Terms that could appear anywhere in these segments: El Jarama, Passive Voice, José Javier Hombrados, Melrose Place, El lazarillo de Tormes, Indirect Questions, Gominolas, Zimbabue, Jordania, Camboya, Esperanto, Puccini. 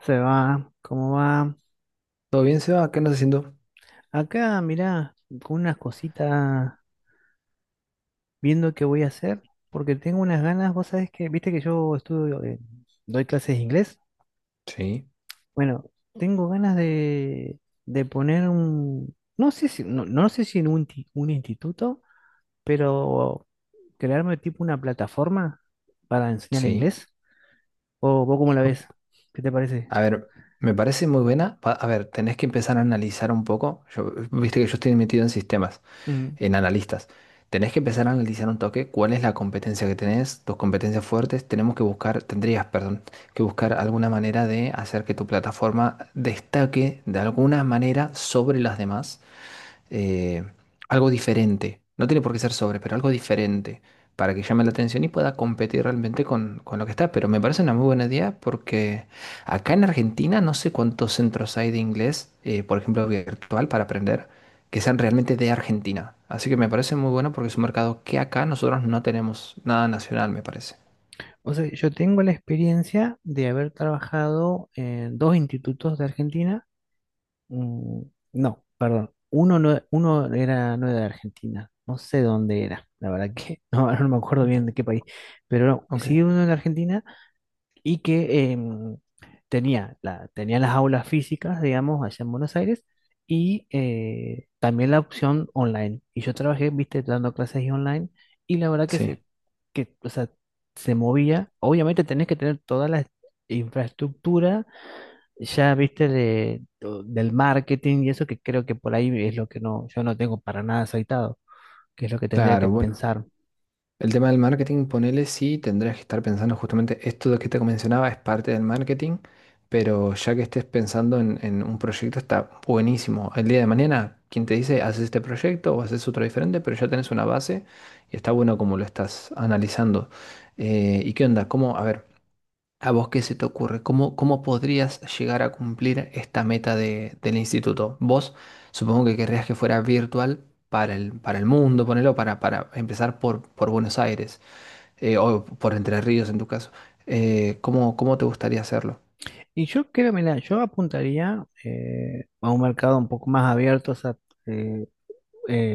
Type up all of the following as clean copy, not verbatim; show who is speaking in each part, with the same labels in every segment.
Speaker 1: Se va, ¿cómo va?
Speaker 2: ¿Todo bien, Seba? ¿Qué andas haciendo?
Speaker 1: Acá, mirá, con unas cositas, viendo qué voy a hacer, porque tengo unas ganas, vos sabés que, viste que yo estudio, doy clases de inglés.
Speaker 2: Sí,
Speaker 1: Bueno, tengo ganas de poner un, no sé si, no sé si en un, un instituto, pero crearme tipo una plataforma para enseñar
Speaker 2: sí.
Speaker 1: inglés. ¿O vos cómo la ves?
Speaker 2: Ok.
Speaker 1: ¿Qué te parece?
Speaker 2: A ver, me parece muy buena. A ver, tenés que empezar a analizar un poco. Yo, viste que yo estoy metido en sistemas, en analistas. Tenés que empezar a analizar un toque cuál es la competencia que tenés, tus competencias fuertes. Tenemos que buscar, tendrías, perdón, que buscar alguna manera de hacer que tu plataforma destaque de alguna manera sobre las demás. eh, Algo diferente. No tiene por qué ser sobre, pero algo diferente para que llame la atención y pueda competir realmente con lo que está. Pero me parece una muy buena idea porque acá en Argentina no sé cuántos centros hay de inglés, por ejemplo, virtual para aprender, que sean realmente de Argentina. Así que me parece muy bueno porque es un mercado que acá nosotros no tenemos nada nacional, me parece.
Speaker 1: O sea, yo tengo la experiencia de haber trabajado en dos institutos de Argentina. Mm, no, perdón. Uno, no, uno era no era de Argentina. No sé dónde era. La verdad que no, ahora no me acuerdo bien de qué país. Pero no,
Speaker 2: Ok.
Speaker 1: sí, uno de Argentina y que tenía, tenía las aulas físicas, digamos, allá en Buenos Aires, y también la opción online. Y yo trabajé, viste, dando clases y online, y la verdad que
Speaker 2: Sí,
Speaker 1: que, o sea, se movía. Obviamente tenés que tener toda la infraestructura, ya, viste, del marketing y eso, que creo que por ahí es lo que no, yo no tengo para nada aceitado, que es lo que tendría
Speaker 2: claro,
Speaker 1: que
Speaker 2: bueno.
Speaker 1: pensar.
Speaker 2: El tema del marketing, ponele sí, tendrías que estar pensando justamente esto de que te mencionaba es parte del marketing, pero ya que estés pensando en un proyecto está buenísimo. El día de mañana, quien te dice, haces este proyecto o haces otro diferente, pero ya tenés una base y está bueno como lo estás analizando. ¿Y qué onda? ¿Cómo, a ver, a vos qué se te ocurre? ¿Cómo podrías llegar a cumplir esta meta del instituto? Vos supongo que querrías que fuera virtual para el mundo, ponelo, para empezar por Buenos Aires, o por Entre Ríos en tu caso. ¿Cómo cómo, te gustaría hacerlo?
Speaker 1: Y yo creo, mira, yo apuntaría a un mercado un poco más abierto. O sea, eh,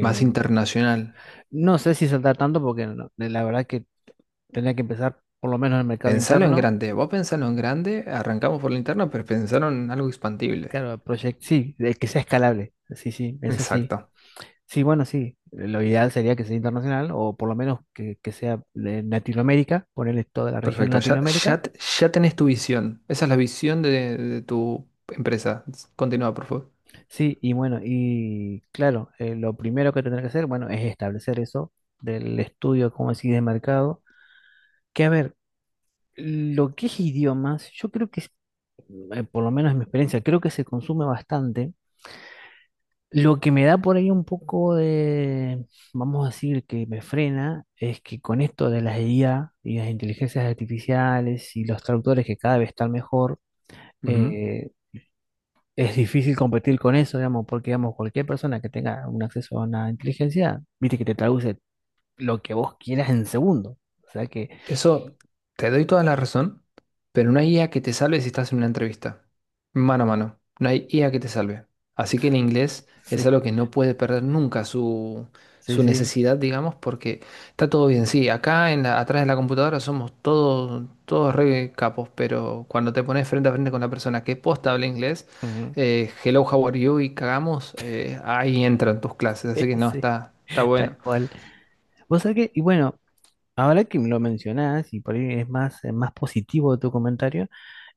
Speaker 2: Más internacional.
Speaker 1: no sé si saltar tanto porque la verdad que tendría que empezar por lo menos en el mercado
Speaker 2: Pensalo en
Speaker 1: interno.
Speaker 2: grande. Vos pensalo en grande, arrancamos por la interno pero pensaron en algo expandible.
Speaker 1: Claro, el project, sí, de que sea escalable. Sí, sí, eso sí.
Speaker 2: Exacto.
Speaker 1: Sí, bueno, sí. Lo ideal sería que sea internacional o por lo menos que sea de Latinoamérica, ponerle toda la región
Speaker 2: Perfecto. Ya,
Speaker 1: Latinoamérica.
Speaker 2: ya, ya tenés tu visión. Esa es la visión de tu empresa. Continúa, por favor.
Speaker 1: Sí, y bueno, y claro, lo primero que tendrá que hacer, bueno, es establecer eso del estudio, como decís, de mercado. Que a ver, lo que es idiomas, yo creo que, por lo menos en mi experiencia, creo que se consume bastante. Lo que me da por ahí un poco de, vamos a decir, que me frena, es que con esto de las IA y las inteligencias artificiales y los traductores que cada vez están mejor,
Speaker 2: Ujú.
Speaker 1: eh, es difícil competir con eso, digamos, porque, digamos, cualquier persona que tenga un acceso a una inteligencia, viste que te traduce lo que vos quieras en segundo. O sea que,
Speaker 2: Eso, te doy toda la razón, pero no hay IA que te salve si estás en una entrevista. Mano a mano, no hay IA que te salve. Así que el inglés
Speaker 1: sí,
Speaker 2: es algo que no puede perder nunca su,
Speaker 1: sí,
Speaker 2: su
Speaker 1: sí.
Speaker 2: necesidad, digamos, porque está todo bien. Sí, acá en atrás de la computadora somos todos, todos re capos, pero cuando te pones frente a frente con la persona que posta habla inglés,
Speaker 1: Ujú.
Speaker 2: hello, how are you y cagamos, ahí entran tus clases. Así que no,
Speaker 1: Sí,
Speaker 2: está
Speaker 1: tal
Speaker 2: bueno.
Speaker 1: cual. Vos sabés que, y bueno, ahora que me lo mencionás, y por ahí es más, más positivo tu comentario,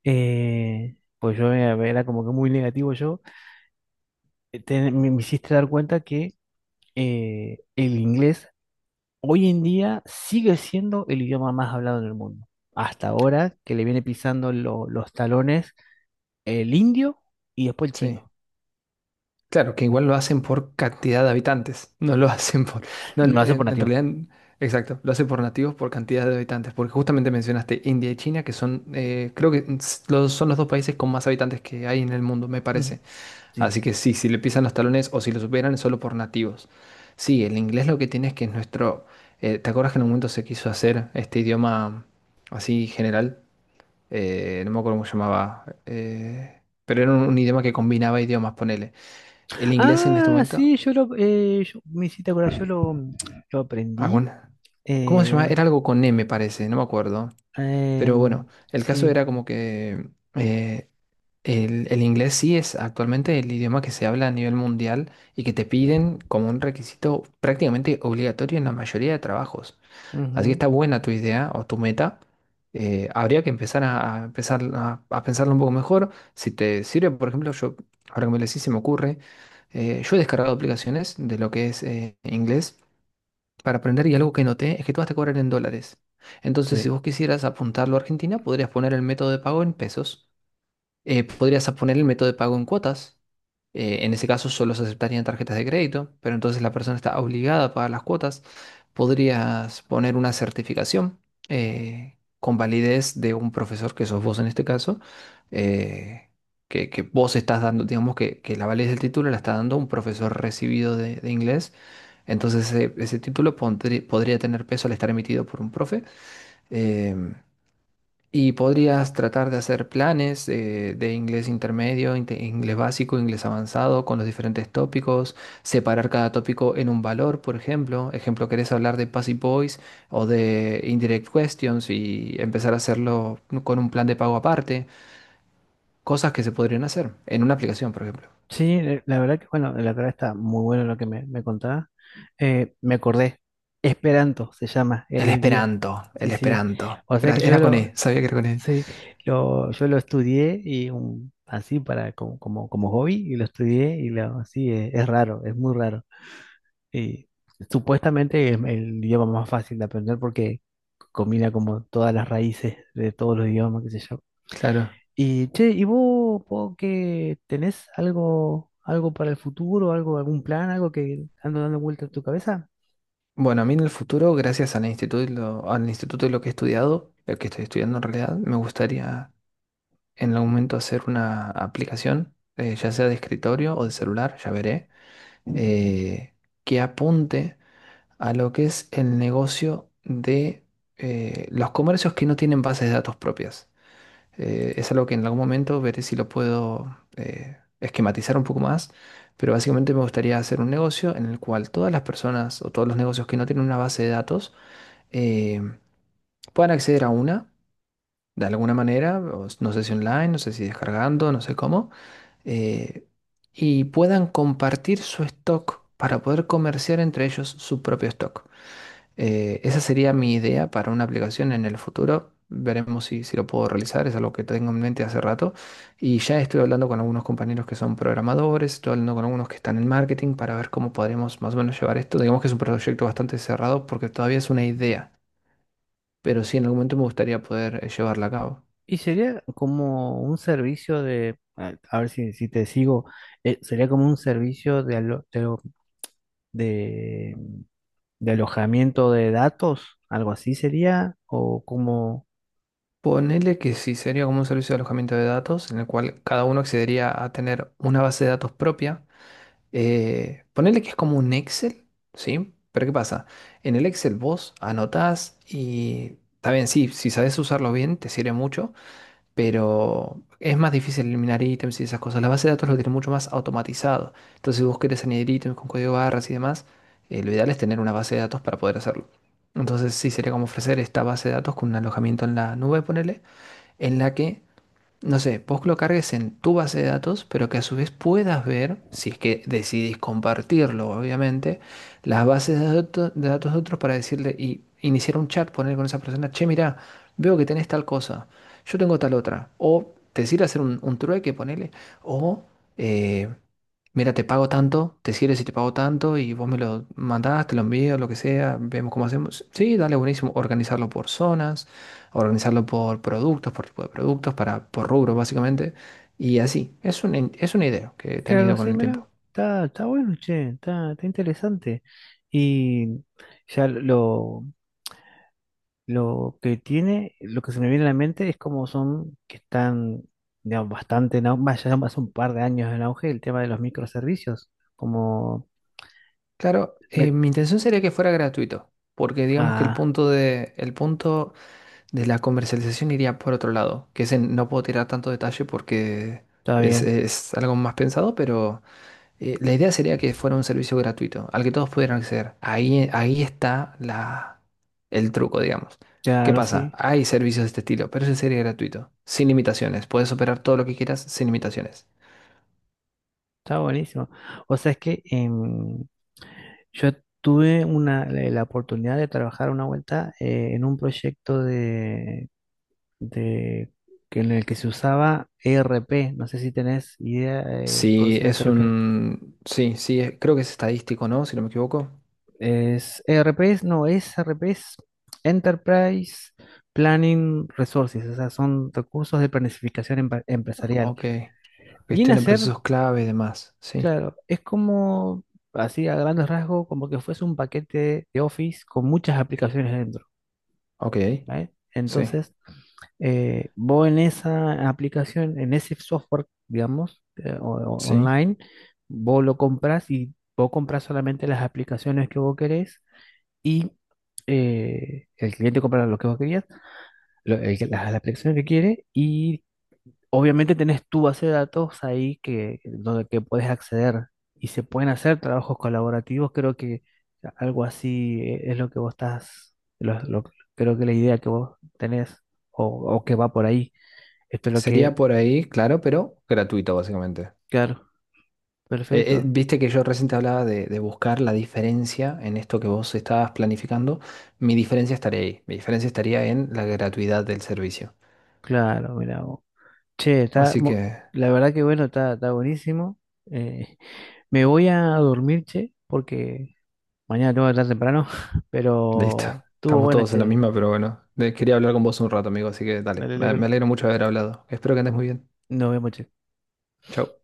Speaker 1: pues yo era como que muy negativo yo, me hiciste dar cuenta que el inglés hoy en día sigue siendo el idioma más hablado en el mundo. Hasta ahora que le viene pisando los talones el indio y después el
Speaker 2: Sí.
Speaker 1: chino.
Speaker 2: Claro, que igual lo hacen por cantidad de habitantes, no lo hacen por... No,
Speaker 1: Lo
Speaker 2: en,
Speaker 1: hace por
Speaker 2: en
Speaker 1: nativo.
Speaker 2: realidad, exacto, lo hacen por nativos, por cantidad de habitantes, porque justamente mencionaste India y China, que son, creo que los, son los dos países con más habitantes que hay en el mundo, me
Speaker 1: Ujú.
Speaker 2: parece.
Speaker 1: Sí.
Speaker 2: Así que sí, si le pisan los talones o si lo superan es solo por nativos. Sí, el inglés lo que tiene es que es nuestro... ¿Te acuerdas que en un momento se quiso hacer este idioma así general? No me acuerdo cómo se llamaba, pero era un idioma que combinaba idiomas, ponele el inglés en este
Speaker 1: Ah,
Speaker 2: momento,
Speaker 1: sí, me hiciste acordar, lo aprendí.
Speaker 2: alguna, ¿cómo se llama?
Speaker 1: eh,
Speaker 2: Era algo con M, parece, no me acuerdo. Pero
Speaker 1: Em,
Speaker 2: bueno, el caso
Speaker 1: sí,
Speaker 2: era como que eh, el inglés sí es actualmente el idioma que se habla a nivel mundial y que te piden como un requisito prácticamente obligatorio en la mayoría de trabajos. Así que
Speaker 1: ujú,
Speaker 2: está buena tu idea o tu meta. Habría que empezar a empezar a pensarlo un poco mejor. Si te sirve, por ejemplo, yo, ahora que me lo decís, se me ocurre, yo he descargado aplicaciones de lo que es inglés para aprender y algo que noté es que todas te cobran en dólares. Entonces, si
Speaker 1: sí.
Speaker 2: vos quisieras apuntarlo a Argentina, podrías poner el método de pago en pesos. Podrías poner el método de pago en cuotas. En ese caso solo se aceptarían tarjetas de crédito, pero entonces la persona está obligada a pagar las cuotas. Podrías poner una certificación con validez de un profesor que sos vos en este caso, eh, que, vos estás dando, digamos que la validez del título la está dando un profesor recibido de inglés. Entonces ese título podría tener peso al estar emitido por un profe. Em, y podrías tratar de hacer planes de inglés intermedio, inglés básico, inglés avanzado, con los diferentes tópicos, separar cada tópico en un valor, por ejemplo. Ejemplo, querés hablar de Passive Voice o de Indirect Questions y empezar a hacerlo, ¿no?, con un plan de pago aparte. Cosas que se podrían hacer en una aplicación, por ejemplo.
Speaker 1: Sí, la verdad que, bueno, la verdad está muy bueno lo que me contabas. Me acordé, Esperanto se llama,
Speaker 2: El
Speaker 1: el 10.
Speaker 2: Esperanto, el
Speaker 1: Sí, sí.
Speaker 2: Esperanto.
Speaker 1: O sea que
Speaker 2: Era con E, sabía que era con E.
Speaker 1: sí, yo lo estudié y así para como, como hobby y lo estudié y lo, sí, es raro, es muy raro. Y supuestamente es el idioma más fácil de aprender porque combina como todas las raíces de todos los idiomas, que se llama.
Speaker 2: Claro.
Speaker 1: Y che, ¿y vos, po, que tenés algo, algo para el futuro, algo, algún plan, algo que ando dando vuelta en tu cabeza?
Speaker 2: Bueno, a mí en el futuro, gracias al instituto de lo que he estudiado, lo que estoy estudiando en realidad, me gustaría en algún momento hacer una aplicación, ya sea de escritorio o de celular, ya veré, eh, que apunte a lo que es el negocio de los comercios que no tienen bases de datos propias. Es algo que en algún momento veré si lo puedo esquematizar un poco más, pero básicamente me gustaría hacer un negocio en el cual todas las personas o todos los negocios que no tienen una base de datos eh, puedan acceder a una de alguna manera, o no sé si online, no sé si descargando, no sé cómo, eh, y puedan compartir su stock para poder comerciar entre ellos su propio stock. Esa sería mi idea para una aplicación en el futuro. Veremos si lo puedo realizar, es algo que tengo en mente hace rato. Y ya estoy hablando con algunos compañeros que son programadores, estoy hablando con algunos que están en marketing para ver cómo podremos más o menos llevar esto. Digamos que es un proyecto bastante cerrado porque todavía es una idea, pero sí en algún momento me gustaría poder llevarla a cabo.
Speaker 1: Y sería como un servicio de, a ver si, si te sigo, sería como un servicio de, de- de alojamiento de datos, algo así sería, o como,
Speaker 2: Ponele que sí, sería como un servicio de alojamiento de datos en el cual cada uno accedería a tener una base de datos propia. Ponele que es como un Excel, ¿sí? Pero ¿qué pasa? En el Excel vos anotás y está bien, sí, si sabes usarlo bien te sirve mucho, pero es más difícil eliminar ítems y esas cosas. La base de datos lo tiene mucho más automatizado. Entonces si vos querés añadir ítems con código barras y demás, lo ideal es tener una base de datos para poder hacerlo. Entonces sí sería como ofrecer esta base de datos con un alojamiento en la nube, ponele, en la que, no sé, vos lo cargues en tu base de datos, pero que a su vez puedas ver, si es que decidís compartirlo, obviamente, las bases de datos de otros para decirle y iniciar un chat, poner con esa persona, che, mirá, veo que tenés tal cosa, yo tengo tal otra, o decir hacer un, trueque, ponele, o... eh, mira, te pago tanto, te sirve si te pago tanto y vos me lo mandás, te lo envío, lo que sea, vemos cómo hacemos. Sí, dale, buenísimo. Organizarlo por zonas, organizarlo por productos, por tipo de productos, para, por rubro básicamente. Y así, es una idea que he
Speaker 1: claro,
Speaker 2: tenido con
Speaker 1: sí,
Speaker 2: el
Speaker 1: mira,
Speaker 2: tiempo.
Speaker 1: está, está bueno, che, está, está interesante. Y ya lo, lo que tiene, lo que se me viene a la mente es como son, que están, digamos, bastante en auge, ya hace un par de años en auge el tema de los microservicios, como,
Speaker 2: Claro,
Speaker 1: ve-
Speaker 2: mi intención sería que fuera gratuito, porque digamos que el
Speaker 1: ah,
Speaker 2: punto de la comercialización iría por otro lado, que ese no puedo tirar tanto detalle porque
Speaker 1: está
Speaker 2: es,
Speaker 1: bien,
Speaker 2: es algo más pensado, pero... La idea sería que fuera un servicio gratuito, al que todos pudieran acceder. Ahí, ahí está la, el truco, digamos. ¿Qué
Speaker 1: claro,
Speaker 2: pasa?
Speaker 1: sí,
Speaker 2: Hay servicios de este estilo, pero ese sería gratuito, sin limitaciones. Puedes operar todo lo que quieras sin limitaciones.
Speaker 1: está buenísimo. O sea, es que yo tuve la oportunidad de trabajar una vuelta en un proyecto de- que en el que se usaba ERP, no sé si tenés idea,
Speaker 2: Sí,
Speaker 1: conocimiento de
Speaker 2: es
Speaker 1: lo que
Speaker 2: un... Sí, sí, creo que es estadístico, ¿no? Si no me equivoco.
Speaker 1: es ERPs, no, es ERPs, Enterprise Planning Resources, o sea, son recursos de planificación empresarial.
Speaker 2: Ok.
Speaker 1: Viene
Speaker 2: Gestión
Speaker 1: a
Speaker 2: de
Speaker 1: ser,
Speaker 2: procesos clave y demás. Sí.
Speaker 1: claro, es como, así a grandes rasgos, como que fuese un paquete de Office con muchas aplicaciones dentro,
Speaker 2: Ok.
Speaker 1: ¿vale?
Speaker 2: Sí.
Speaker 1: Entonces, vos en esa aplicación, en ese software, digamos,
Speaker 2: Sí.
Speaker 1: online, vos lo compras y vos compras solamente las aplicaciones que vos querés y el cliente compra lo que vos querías, la aplicación que quiere y obviamente tenés tu base de datos ahí que, donde que puedes acceder y se pueden hacer trabajos colaborativos. Creo que algo así es lo que vos estás, creo que la idea que vos tenés o, o que va por ahí. Esto es lo
Speaker 2: Sería
Speaker 1: que,
Speaker 2: por ahí, claro, pero gratuito, básicamente.
Speaker 1: claro,
Speaker 2: Eh, eh,
Speaker 1: perfecto.
Speaker 2: viste que yo recién te hablaba de buscar la diferencia en esto que vos estabas planificando. Mi diferencia estaría ahí. Mi diferencia estaría en la gratuidad del servicio.
Speaker 1: Claro, mira. Vos. Che, está,
Speaker 2: Así que,
Speaker 1: la verdad que bueno, está, está buenísimo. Eh, Me voy a dormir, che, porque mañana tengo que estar temprano,
Speaker 2: listo.
Speaker 1: pero estuvo
Speaker 2: Estamos
Speaker 1: bueno,
Speaker 2: todos en la
Speaker 1: che.
Speaker 2: misma, pero bueno. Quería hablar con vos un rato, amigo, así que dale.
Speaker 1: Dale,
Speaker 2: Me,
Speaker 1: dale,
Speaker 2: me alegro mucho de haber hablado. Espero que andes muy bien.
Speaker 1: nos vemos, che.
Speaker 2: Chau.